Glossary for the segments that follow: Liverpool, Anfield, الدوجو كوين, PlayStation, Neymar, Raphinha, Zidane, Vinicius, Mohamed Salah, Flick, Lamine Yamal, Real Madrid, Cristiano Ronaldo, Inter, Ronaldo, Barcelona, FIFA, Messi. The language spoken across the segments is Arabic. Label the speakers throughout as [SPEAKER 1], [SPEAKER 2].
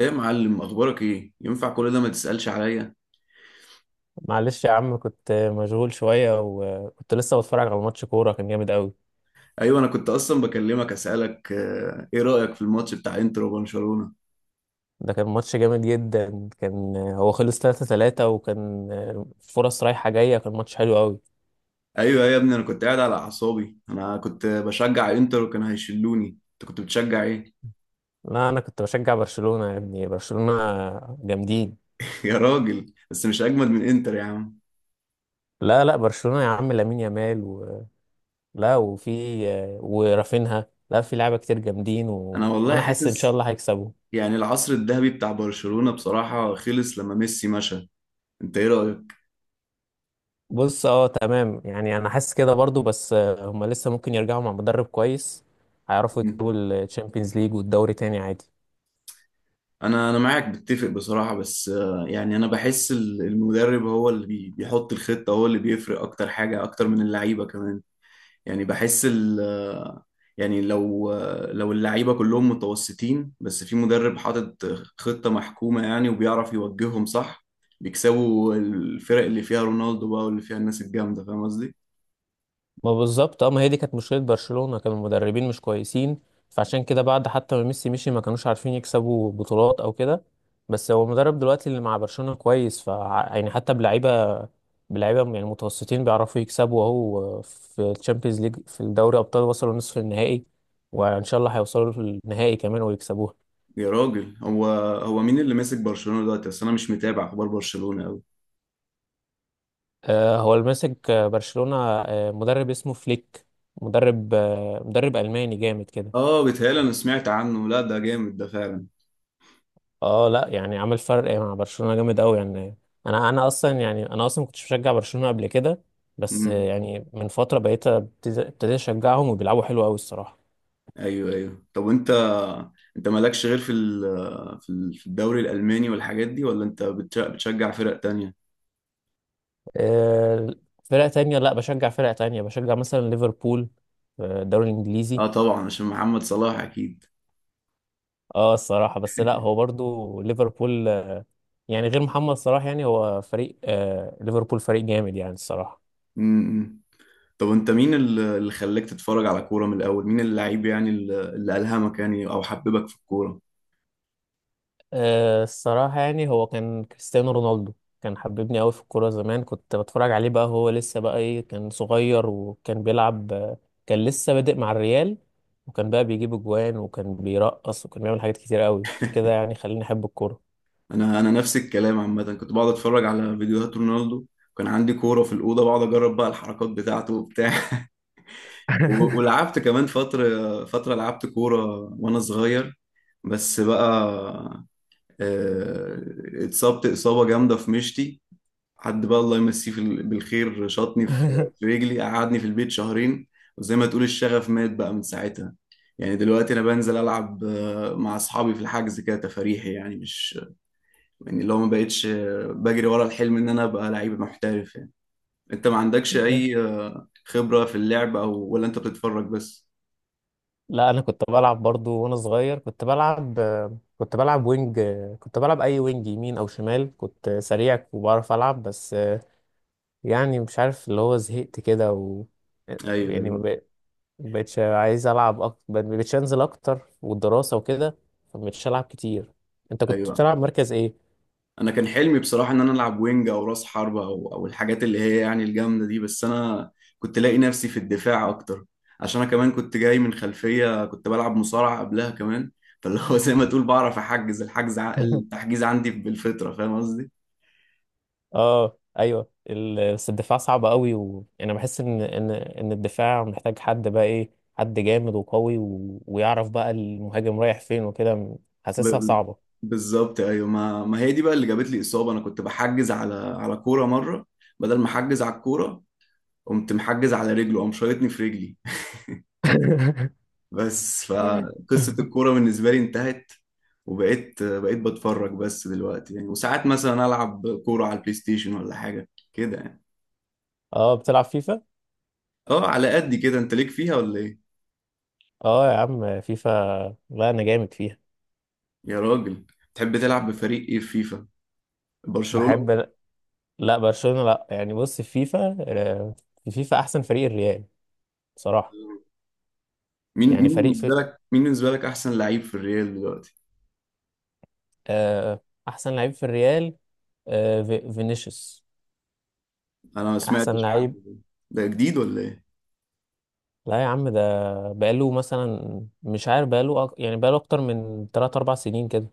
[SPEAKER 1] ايه يا معلم، اخبارك ايه؟ ينفع كل ده؟ ما تسألش عليا؟
[SPEAKER 2] معلش يا عم، كنت مشغول شوية وكنت لسه بتفرج على ماتش كورة، كان جامد قوي.
[SPEAKER 1] ايوه، انا كنت اصلا بكلمك اسالك، ايه رأيك في الماتش بتاع انتر وبرشلونة؟
[SPEAKER 2] ده كان ماتش جامد جدا. كان هو خلص 3-3 وكان فرص رايحة جاية، كان ماتش حلو قوي.
[SPEAKER 1] ايوه يا ابني، انا كنت قاعد على اعصابي، انا كنت بشجع انتر وكانوا هيشلوني. انت كنت بتشجع ايه؟
[SPEAKER 2] لا أنا كنت بشجع برشلونة يا ابني، برشلونة جامدين.
[SPEAKER 1] يا راجل، بس مش اجمد من انتر يا عم.
[SPEAKER 2] لا برشلونة يا عم، لامين يامال و... لا وفي ورافينها، لا في لعيبة كتير جامدين
[SPEAKER 1] انا
[SPEAKER 2] و...
[SPEAKER 1] والله
[SPEAKER 2] وأنا حاسس إن شاء
[SPEAKER 1] حاسس
[SPEAKER 2] الله هيكسبوا.
[SPEAKER 1] يعني العصر الذهبي بتاع برشلونة بصراحة خلص لما ميسي مشى. انت ايه رأيك؟
[SPEAKER 2] بص، اه تمام، يعني انا حاسس كده برضو، بس هما لسه ممكن يرجعوا مع مدرب كويس. هيعرفوا يكسبوا الشامبيونز ليج والدوري تاني عادي.
[SPEAKER 1] انا معاك بتفق بصراحه، بس يعني انا بحس المدرب هو اللي بيحط الخطه، هو اللي بيفرق اكتر حاجه، اكتر من اللعيبه كمان. يعني بحس ال آه، يعني لو اللعيبه كلهم متوسطين بس في مدرب حاطط خطه محكومه يعني، وبيعرف يوجههم صح، بيكسبوا الفرق اللي فيها رونالدو بقى واللي فيها الناس الجامده، فاهم قصدي؟
[SPEAKER 2] ما بالظبط اه، ما هي دي كانت مشكلة برشلونة، كانوا المدربين مش كويسين. فعشان كده بعد حتى ما ميسي مشي ما كانوش عارفين يكسبوا بطولات او كده. بس هو المدرب دلوقتي اللي مع برشلونة كويس، ف يعني حتى بلعيبة يعني متوسطين بيعرفوا يكسبوا. اهو في الشامبيونز ليج، في الدوري ابطال وصلوا نصف النهائي، وان شاء الله هيوصلوا للنهائي كمان ويكسبوها.
[SPEAKER 1] يا راجل، هو مين اللي ماسك برشلونه دلوقتي؟ اصل انا مش متابع اخبار برشلونه قوي.
[SPEAKER 2] هو اللي ماسك برشلونة مدرب اسمه فليك. مدرب مدرب ألماني جامد كده.
[SPEAKER 1] اه، بيتهيألي انا سمعت عنه. لا، ده جامد ده فعلا.
[SPEAKER 2] اه، لا يعني عمل فرق مع برشلونة جامد قوي يعني. انا اصلا يعني انا اصلا ما كنتش بشجع برشلونة قبل كده، بس
[SPEAKER 1] مم.
[SPEAKER 2] يعني من فترة بقيت ابتديت اشجعهم وبيلعبوا حلو قوي الصراحة.
[SPEAKER 1] ايوه ايوه، طب وانت، انت مالكش غير في في الدوري الالماني والحاجات دي، ولا انت بتشجع فرق تانية؟
[SPEAKER 2] آه، فرق تانية؟ لا بشجع فرق تانية، بشجع مثلا ليفربول في الدوري الانجليزي.
[SPEAKER 1] اه، طبعا عشان محمد صلاح اكيد.
[SPEAKER 2] اه الصراحة، بس لا هو برضو ليفربول يعني غير محمد صلاح يعني هو فريق آه، ليفربول فريق جامد يعني الصراحة.
[SPEAKER 1] امم طب انت، مين اللي خلاك تتفرج على كورة من الاول؟ مين اللعيب يعني، اللي الهمك يعني او حببك في الكورة؟
[SPEAKER 2] أه الصراحة يعني هو كان كريستيانو رونالدو. كان حببني أوي في الكورة زمان، كنت بتفرج عليه. بقى هو لسه بقى إيه، كان صغير وكان بيلعب كان لسه بادئ مع الريال، وكان بقى بيجيب أجوان وكان بيرقص وكان بيعمل حاجات كتير أوي، عشان كده يعني خليني أحب الكورة.
[SPEAKER 1] انا نفس الكلام عامة، كنت بقعد اتفرج على فيديوهات رونالدو. كان عندي كورة في الأوضة، بقعد أجرب بقى الحركات بتاعته وبتاع. ولعبت كمان فترة، فترة لعبت كورة وأنا صغير. بس بقى آه، اتصبت إصابة جامدة في مشتي. حد بقى الله يمسيه في بالخير شاطني في رجلي، قعدني في البيت شهرين. وزي ما تقول الشغف مات بقى من ساعتها. يعني دلوقتي أنا بنزل ألعب مع أصحابي في الحجز كده تفاريحي، يعني مش يعني اللي هو ما بقتش بجري ورا الحلم إن أنا أبقى لعيب محترف يعني. أنت ما عندكش أي
[SPEAKER 2] بس-
[SPEAKER 1] خبرة في اللعب، أو ولا أنت بتتفرج بس؟
[SPEAKER 2] لا أنا كنت بلعب برضو وأنا صغير. كنت بلعب كنت بلعب وينج، كنت بلعب أي وينج، يمين أو شمال، كنت سريع وبعرف ألعب. بس يعني مش عارف اللي هو زهقت كده و
[SPEAKER 1] أيوه
[SPEAKER 2] يعني ما
[SPEAKER 1] أيوه
[SPEAKER 2] بق- ما بقتش عايز العب اكتر، ما بقتش انزل اكتر، والدراسه وكده، فما بقتش العب كتير. انت كنت
[SPEAKER 1] أيوه،
[SPEAKER 2] بتلعب مركز ايه؟
[SPEAKER 1] انا كان حلمي بصراحه ان انا العب وينج او راس حربه، او الحاجات اللي هي يعني الجامده دي، بس انا كنت لاقي نفسي في الدفاع اكتر. عشان انا كمان كنت جاي من خلفيه، كنت بلعب مصارعه قبلها كمان. فاللي هو زي ما تقول، بعرف احجز الحجز، التحجيز عندي بالفطره، فاهم قصدي؟
[SPEAKER 2] اه ايوه بس الدفاع صعب قوي، وانا بحس ان ان الدفاع محتاج حد بقى ايه، حد جامد وقوي و... ويعرف بقى المهاجم رايح فين وكده.
[SPEAKER 1] ب-
[SPEAKER 2] حاسسها
[SPEAKER 1] ب-
[SPEAKER 2] صعبه.
[SPEAKER 1] بالظبط ايوه، ما هي دي بقى اللي جابت لي اصابه. انا كنت بحجز على كوره مره بدل ما احجز على الكوره، قمت محجز على رجله، قام شايطني في رجلي. بس فقصة الكورة بالنسبة لي انتهت، وبقيت بتفرج بس دلوقتي يعني. وساعات مثلا ألعب كورة على البلاي ستيشن ولا حاجة كده يعني.
[SPEAKER 2] اه بتلعب فيفا؟
[SPEAKER 1] اه، على قد كده. انت ليك فيها ولا ايه؟
[SPEAKER 2] اه يا عم فيفا، لا انا جامد فيها.
[SPEAKER 1] يا راجل، تحب تلعب بفريق ايه في فيفا؟ برشلونة؟
[SPEAKER 2] بحب، لا برشلونة لا، يعني بص في فيفا، في فيفا احسن فريق الريال بصراحة.
[SPEAKER 1] مين
[SPEAKER 2] يعني
[SPEAKER 1] مين
[SPEAKER 2] فريق
[SPEAKER 1] بالنسبة
[SPEAKER 2] في
[SPEAKER 1] لك مين بالنسبة لك أحسن لعيب في الريال دلوقتي؟
[SPEAKER 2] آه، احسن لعيب في الريال فينيسيوس،
[SPEAKER 1] أنا ما
[SPEAKER 2] احسن
[SPEAKER 1] سمعتش عنه
[SPEAKER 2] لعيب.
[SPEAKER 1] ده. ده جديد ولا ايه؟
[SPEAKER 2] لا يا عم ده بقاله، مثلا مش عارف بقاله يعني بقاله اكتر من 3 4 سنين كده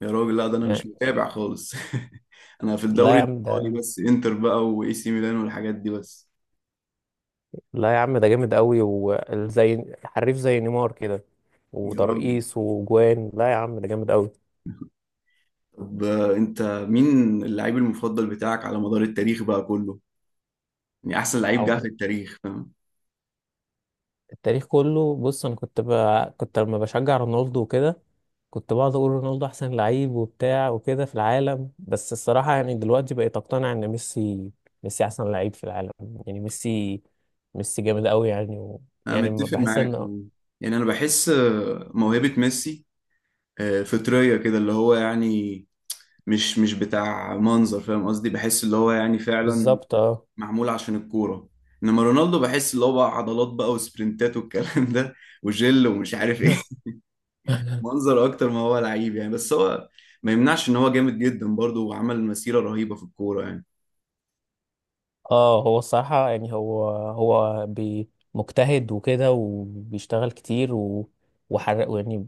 [SPEAKER 1] يا راجل، لا ده أنا مش
[SPEAKER 2] يعني.
[SPEAKER 1] متابع خالص. أنا في
[SPEAKER 2] لا
[SPEAKER 1] الدوري
[SPEAKER 2] يا عم
[SPEAKER 1] الإيطالي
[SPEAKER 2] ده
[SPEAKER 1] بس، إنتر بقى وإي سي ميلان والحاجات دي بس.
[SPEAKER 2] لا يا عم ده جامد قوي، وزي حريف زي نيمار كده،
[SPEAKER 1] يا راجل،
[SPEAKER 2] وترقيص وجوان، لا يا عم ده جامد قوي.
[SPEAKER 1] طب انت مين اللعيب المفضل بتاعك على مدار التاريخ بقى كله؟ يعني احسن لعيب جه في
[SPEAKER 2] عمل-
[SPEAKER 1] التاريخ، فاهم؟
[SPEAKER 2] التاريخ كله، بص انا كنت كنت لما بشجع رونالدو وكده كنت بقعد اقول رونالدو احسن لعيب وبتاع وكده في العالم. بس الصراحه يعني دلوقتي بقيت اقتنع ان ميسي، ميسي احسن لعيب في العالم. يعني ميسي، ميسي جامد قوي يعني،
[SPEAKER 1] انا
[SPEAKER 2] يعني ما
[SPEAKER 1] متفق
[SPEAKER 2] بحس
[SPEAKER 1] معاك،
[SPEAKER 2] ان.
[SPEAKER 1] فاهم؟ يعني انا بحس موهبة ميسي فطرية كده، اللي هو يعني مش بتاع منظر، فاهم قصدي؟ بحس اللي هو يعني فعلا
[SPEAKER 2] بالظبط اه.
[SPEAKER 1] معمول عشان الكورة. انما رونالدو بحس اللي هو بقى عضلات بقى وسبرنتات والكلام ده، وجل ومش عارف ايه. منظر اكتر ما هو لعيب يعني، بس هو ما يمنعش ان هو جامد جدا برضه، وعمل مسيرة رهيبة في الكورة يعني.
[SPEAKER 2] اه هو الصراحه يعني هو بي مجتهد وكده وبيشتغل كتير و... وحرق يعني،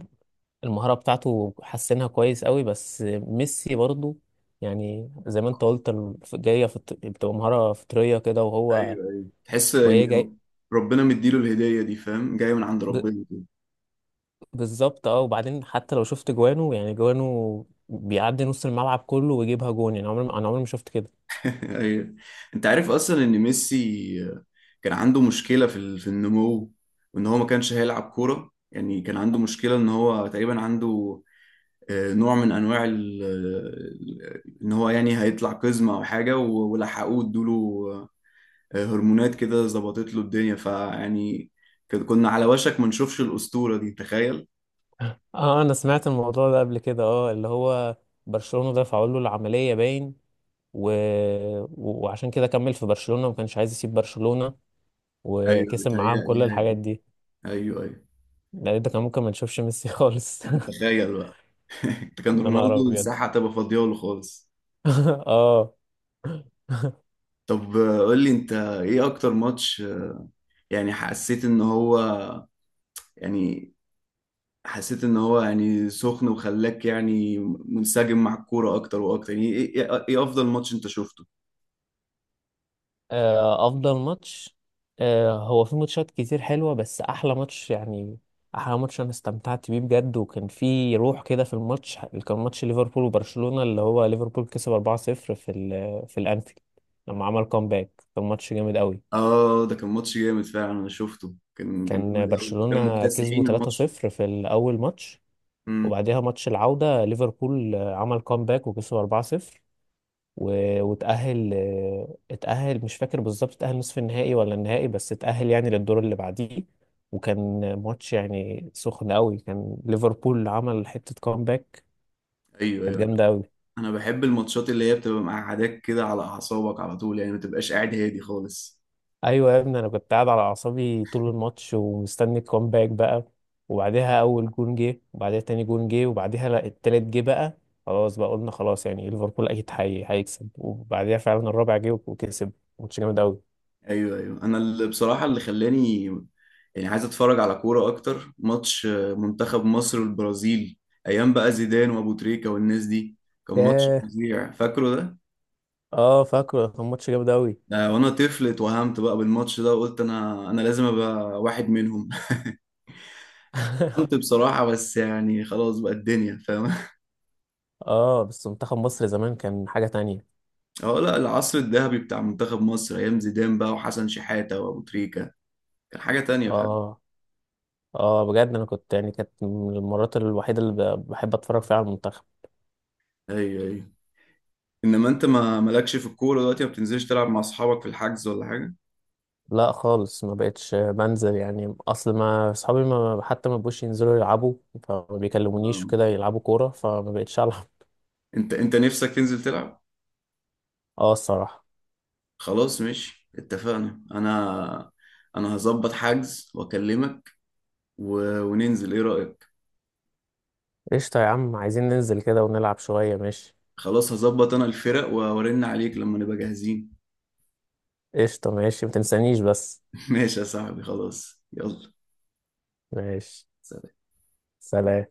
[SPEAKER 2] المهاره بتاعته حسنها كويس قوي. بس ميسي برضو يعني زي ما انت قلت بتبقى مهاره فطريه كده، وهو
[SPEAKER 1] ايوه ايوه، تحس
[SPEAKER 2] وهي
[SPEAKER 1] يعني
[SPEAKER 2] جاي.
[SPEAKER 1] ربنا مديله الهدية دي، فاهم؟ جاية من عند
[SPEAKER 2] ب...
[SPEAKER 1] ربنا كده.
[SPEAKER 2] بالظبط اه. وبعدين حتى لو شفت جوانه، يعني جوانه بيعدي نص الملعب كله ويجيبها جون، يعني عمري ما- انا عمري ما شفت كده.
[SPEAKER 1] ايوه، انت عارف اصلا ان ميسي كان عنده مشكلة في في النمو، وان هو ما كانش هيلعب كورة يعني. كان عنده مشكلة ان هو تقريبا عنده نوع من انواع ان هو يعني هيطلع قزمة او حاجة، ولحقوه ادوله هرمونات كده ظبطت له الدنيا فيعني، كنا على وشك ما نشوفش الأسطورة دي، تخيل.
[SPEAKER 2] اه انا سمعت الموضوع ده قبل كده، اه اللي هو برشلونة دفعوا له العملية باين، و... و- وعشان كده كمل في برشلونة وما كانش عايز يسيب برشلونة،
[SPEAKER 1] ايوه
[SPEAKER 2] وكسب معاهم
[SPEAKER 1] بتهيألي
[SPEAKER 2] كل
[SPEAKER 1] حاجة
[SPEAKER 2] الحاجات
[SPEAKER 1] كده.
[SPEAKER 2] دي.
[SPEAKER 1] ايوه ايوه،
[SPEAKER 2] ده كان ممكن ما نشوفش ميسي خالص.
[SPEAKER 1] تخيل بقى. ده كان
[SPEAKER 2] يا نهار
[SPEAKER 1] رونالدو
[SPEAKER 2] ابيض.
[SPEAKER 1] الساحة هتبقى فاضية له خالص.
[SPEAKER 2] اه.
[SPEAKER 1] طب قول لي، انت ايه اكتر ماتش يعني يعني حسيت ان هو يعني سخن وخلاك يعني منسجم مع الكورة اكتر واكتر؟ يعني ايه، ايه إيه افضل ماتش انت شفته؟
[SPEAKER 2] افضل ماتش؟ هو في ماتشات كتير حلوه، بس احلى ماتش يعني، احلى ماتش انا استمتعت بيه بجد وكان في روح كده في الماتش، كان ماتش ليفربول وبرشلونه، اللي هو ليفربول كسب 4-0 في في الانفيلد لما عمل كومباك. كان ماتش جامد قوي.
[SPEAKER 1] اه، ده كان ماتش جامد فعلا، انا شفته كان
[SPEAKER 2] كان
[SPEAKER 1] جامد قوي، كانوا
[SPEAKER 2] برشلونه كسبوا
[SPEAKER 1] مكتسحين الماتش.
[SPEAKER 2] 3-0 في الاول ماتش،
[SPEAKER 1] امم،
[SPEAKER 2] وبعدها ماتش العوده ليفربول عمل كومباك وكسبوا 4-0، وتأهل اتأهل، مش فاكر بالظبط اتأهل نصف النهائي ولا النهائي، بس اتأهل يعني للدور اللي بعديه. وكان ماتش يعني سخن قوي، كان ليفربول عمل حتة كومباك
[SPEAKER 1] ايوه
[SPEAKER 2] كانت
[SPEAKER 1] ايوه،
[SPEAKER 2] جامدة قوي.
[SPEAKER 1] انا بحب الماتشات اللي هي بتبقى مقعداك كده على اعصابك على طول، يعني ما تبقاش قاعد هادي خالص.
[SPEAKER 2] ايوه يا ابني، انا كنت قاعد على اعصابي طول الماتش ومستني الكومباك بقى. وبعدها اول جون جه، وبعدها تاني جون جه، وبعدها لا التالت جه بقى، خلاص بقى قلنا خلاص يعني ليفربول اكيد هيكسب، وبعدها فعلا الرابع جه وكسب. ماتش جامد قوي.
[SPEAKER 1] ايوه ايوه، انا اللي بصراحه اللي خلاني يعني عايز اتفرج على كوره اكتر، ماتش منتخب مصر والبرازيل، ايام بقى زيدان وابو تريكه والناس دي. كان ماتش
[SPEAKER 2] ياه.
[SPEAKER 1] فظيع، فاكره ده؟
[SPEAKER 2] اه فاكره، كان ماتش جامد قوي.
[SPEAKER 1] وانا طفل اتوهمت بقى بالماتش ده، وقلت انا لازم ابقى واحد منهم. اتوهمت بصراحه، بس يعني خلاص بقى الدنيا، فاهم؟
[SPEAKER 2] اه بس منتخب مصر زمان كان حاجة تانية.
[SPEAKER 1] اه لا، العصر الذهبي بتاع منتخب مصر ايام زيدان بقى، وحسن شحاته، وابو تريكه، كان حاجه تانية، فاهم؟
[SPEAKER 2] اه. اه بجد انا كنت يعني كانت من المرات الوحيدة اللي بحب اتفرج فيها على المنتخب.
[SPEAKER 1] ايوه ايوه، انما انت ما مالكش في الكوره دلوقتي؟ ما بتنزلش تلعب مع اصحابك في الحجز ولا حاجه؟
[SPEAKER 2] لا خالص ما بقتش بنزل، يعني اصل ما اصحابي ما حتى ما بقوش ينزلوا يلعبوا، فما بيكلمونيش
[SPEAKER 1] آه.
[SPEAKER 2] وكده يلعبوا كورة، فما بقتش العب.
[SPEAKER 1] انت نفسك تنزل تلعب؟
[SPEAKER 2] اه الصراحة.
[SPEAKER 1] خلاص، ماشي، اتفقنا. انا هظبط حجز واكلمك وننزل، ايه رأيك؟
[SPEAKER 2] قشطة يا عم، عايزين ننزل كده ونلعب شوية ماشي.
[SPEAKER 1] خلاص، هظبط انا الفرق وارن عليك لما نبقى جاهزين.
[SPEAKER 2] قشطة ماشي، ما تنسانيش بس.
[SPEAKER 1] ماشي يا صاحبي، خلاص، يلا.
[SPEAKER 2] ماشي.
[SPEAKER 1] سلام.
[SPEAKER 2] سلام.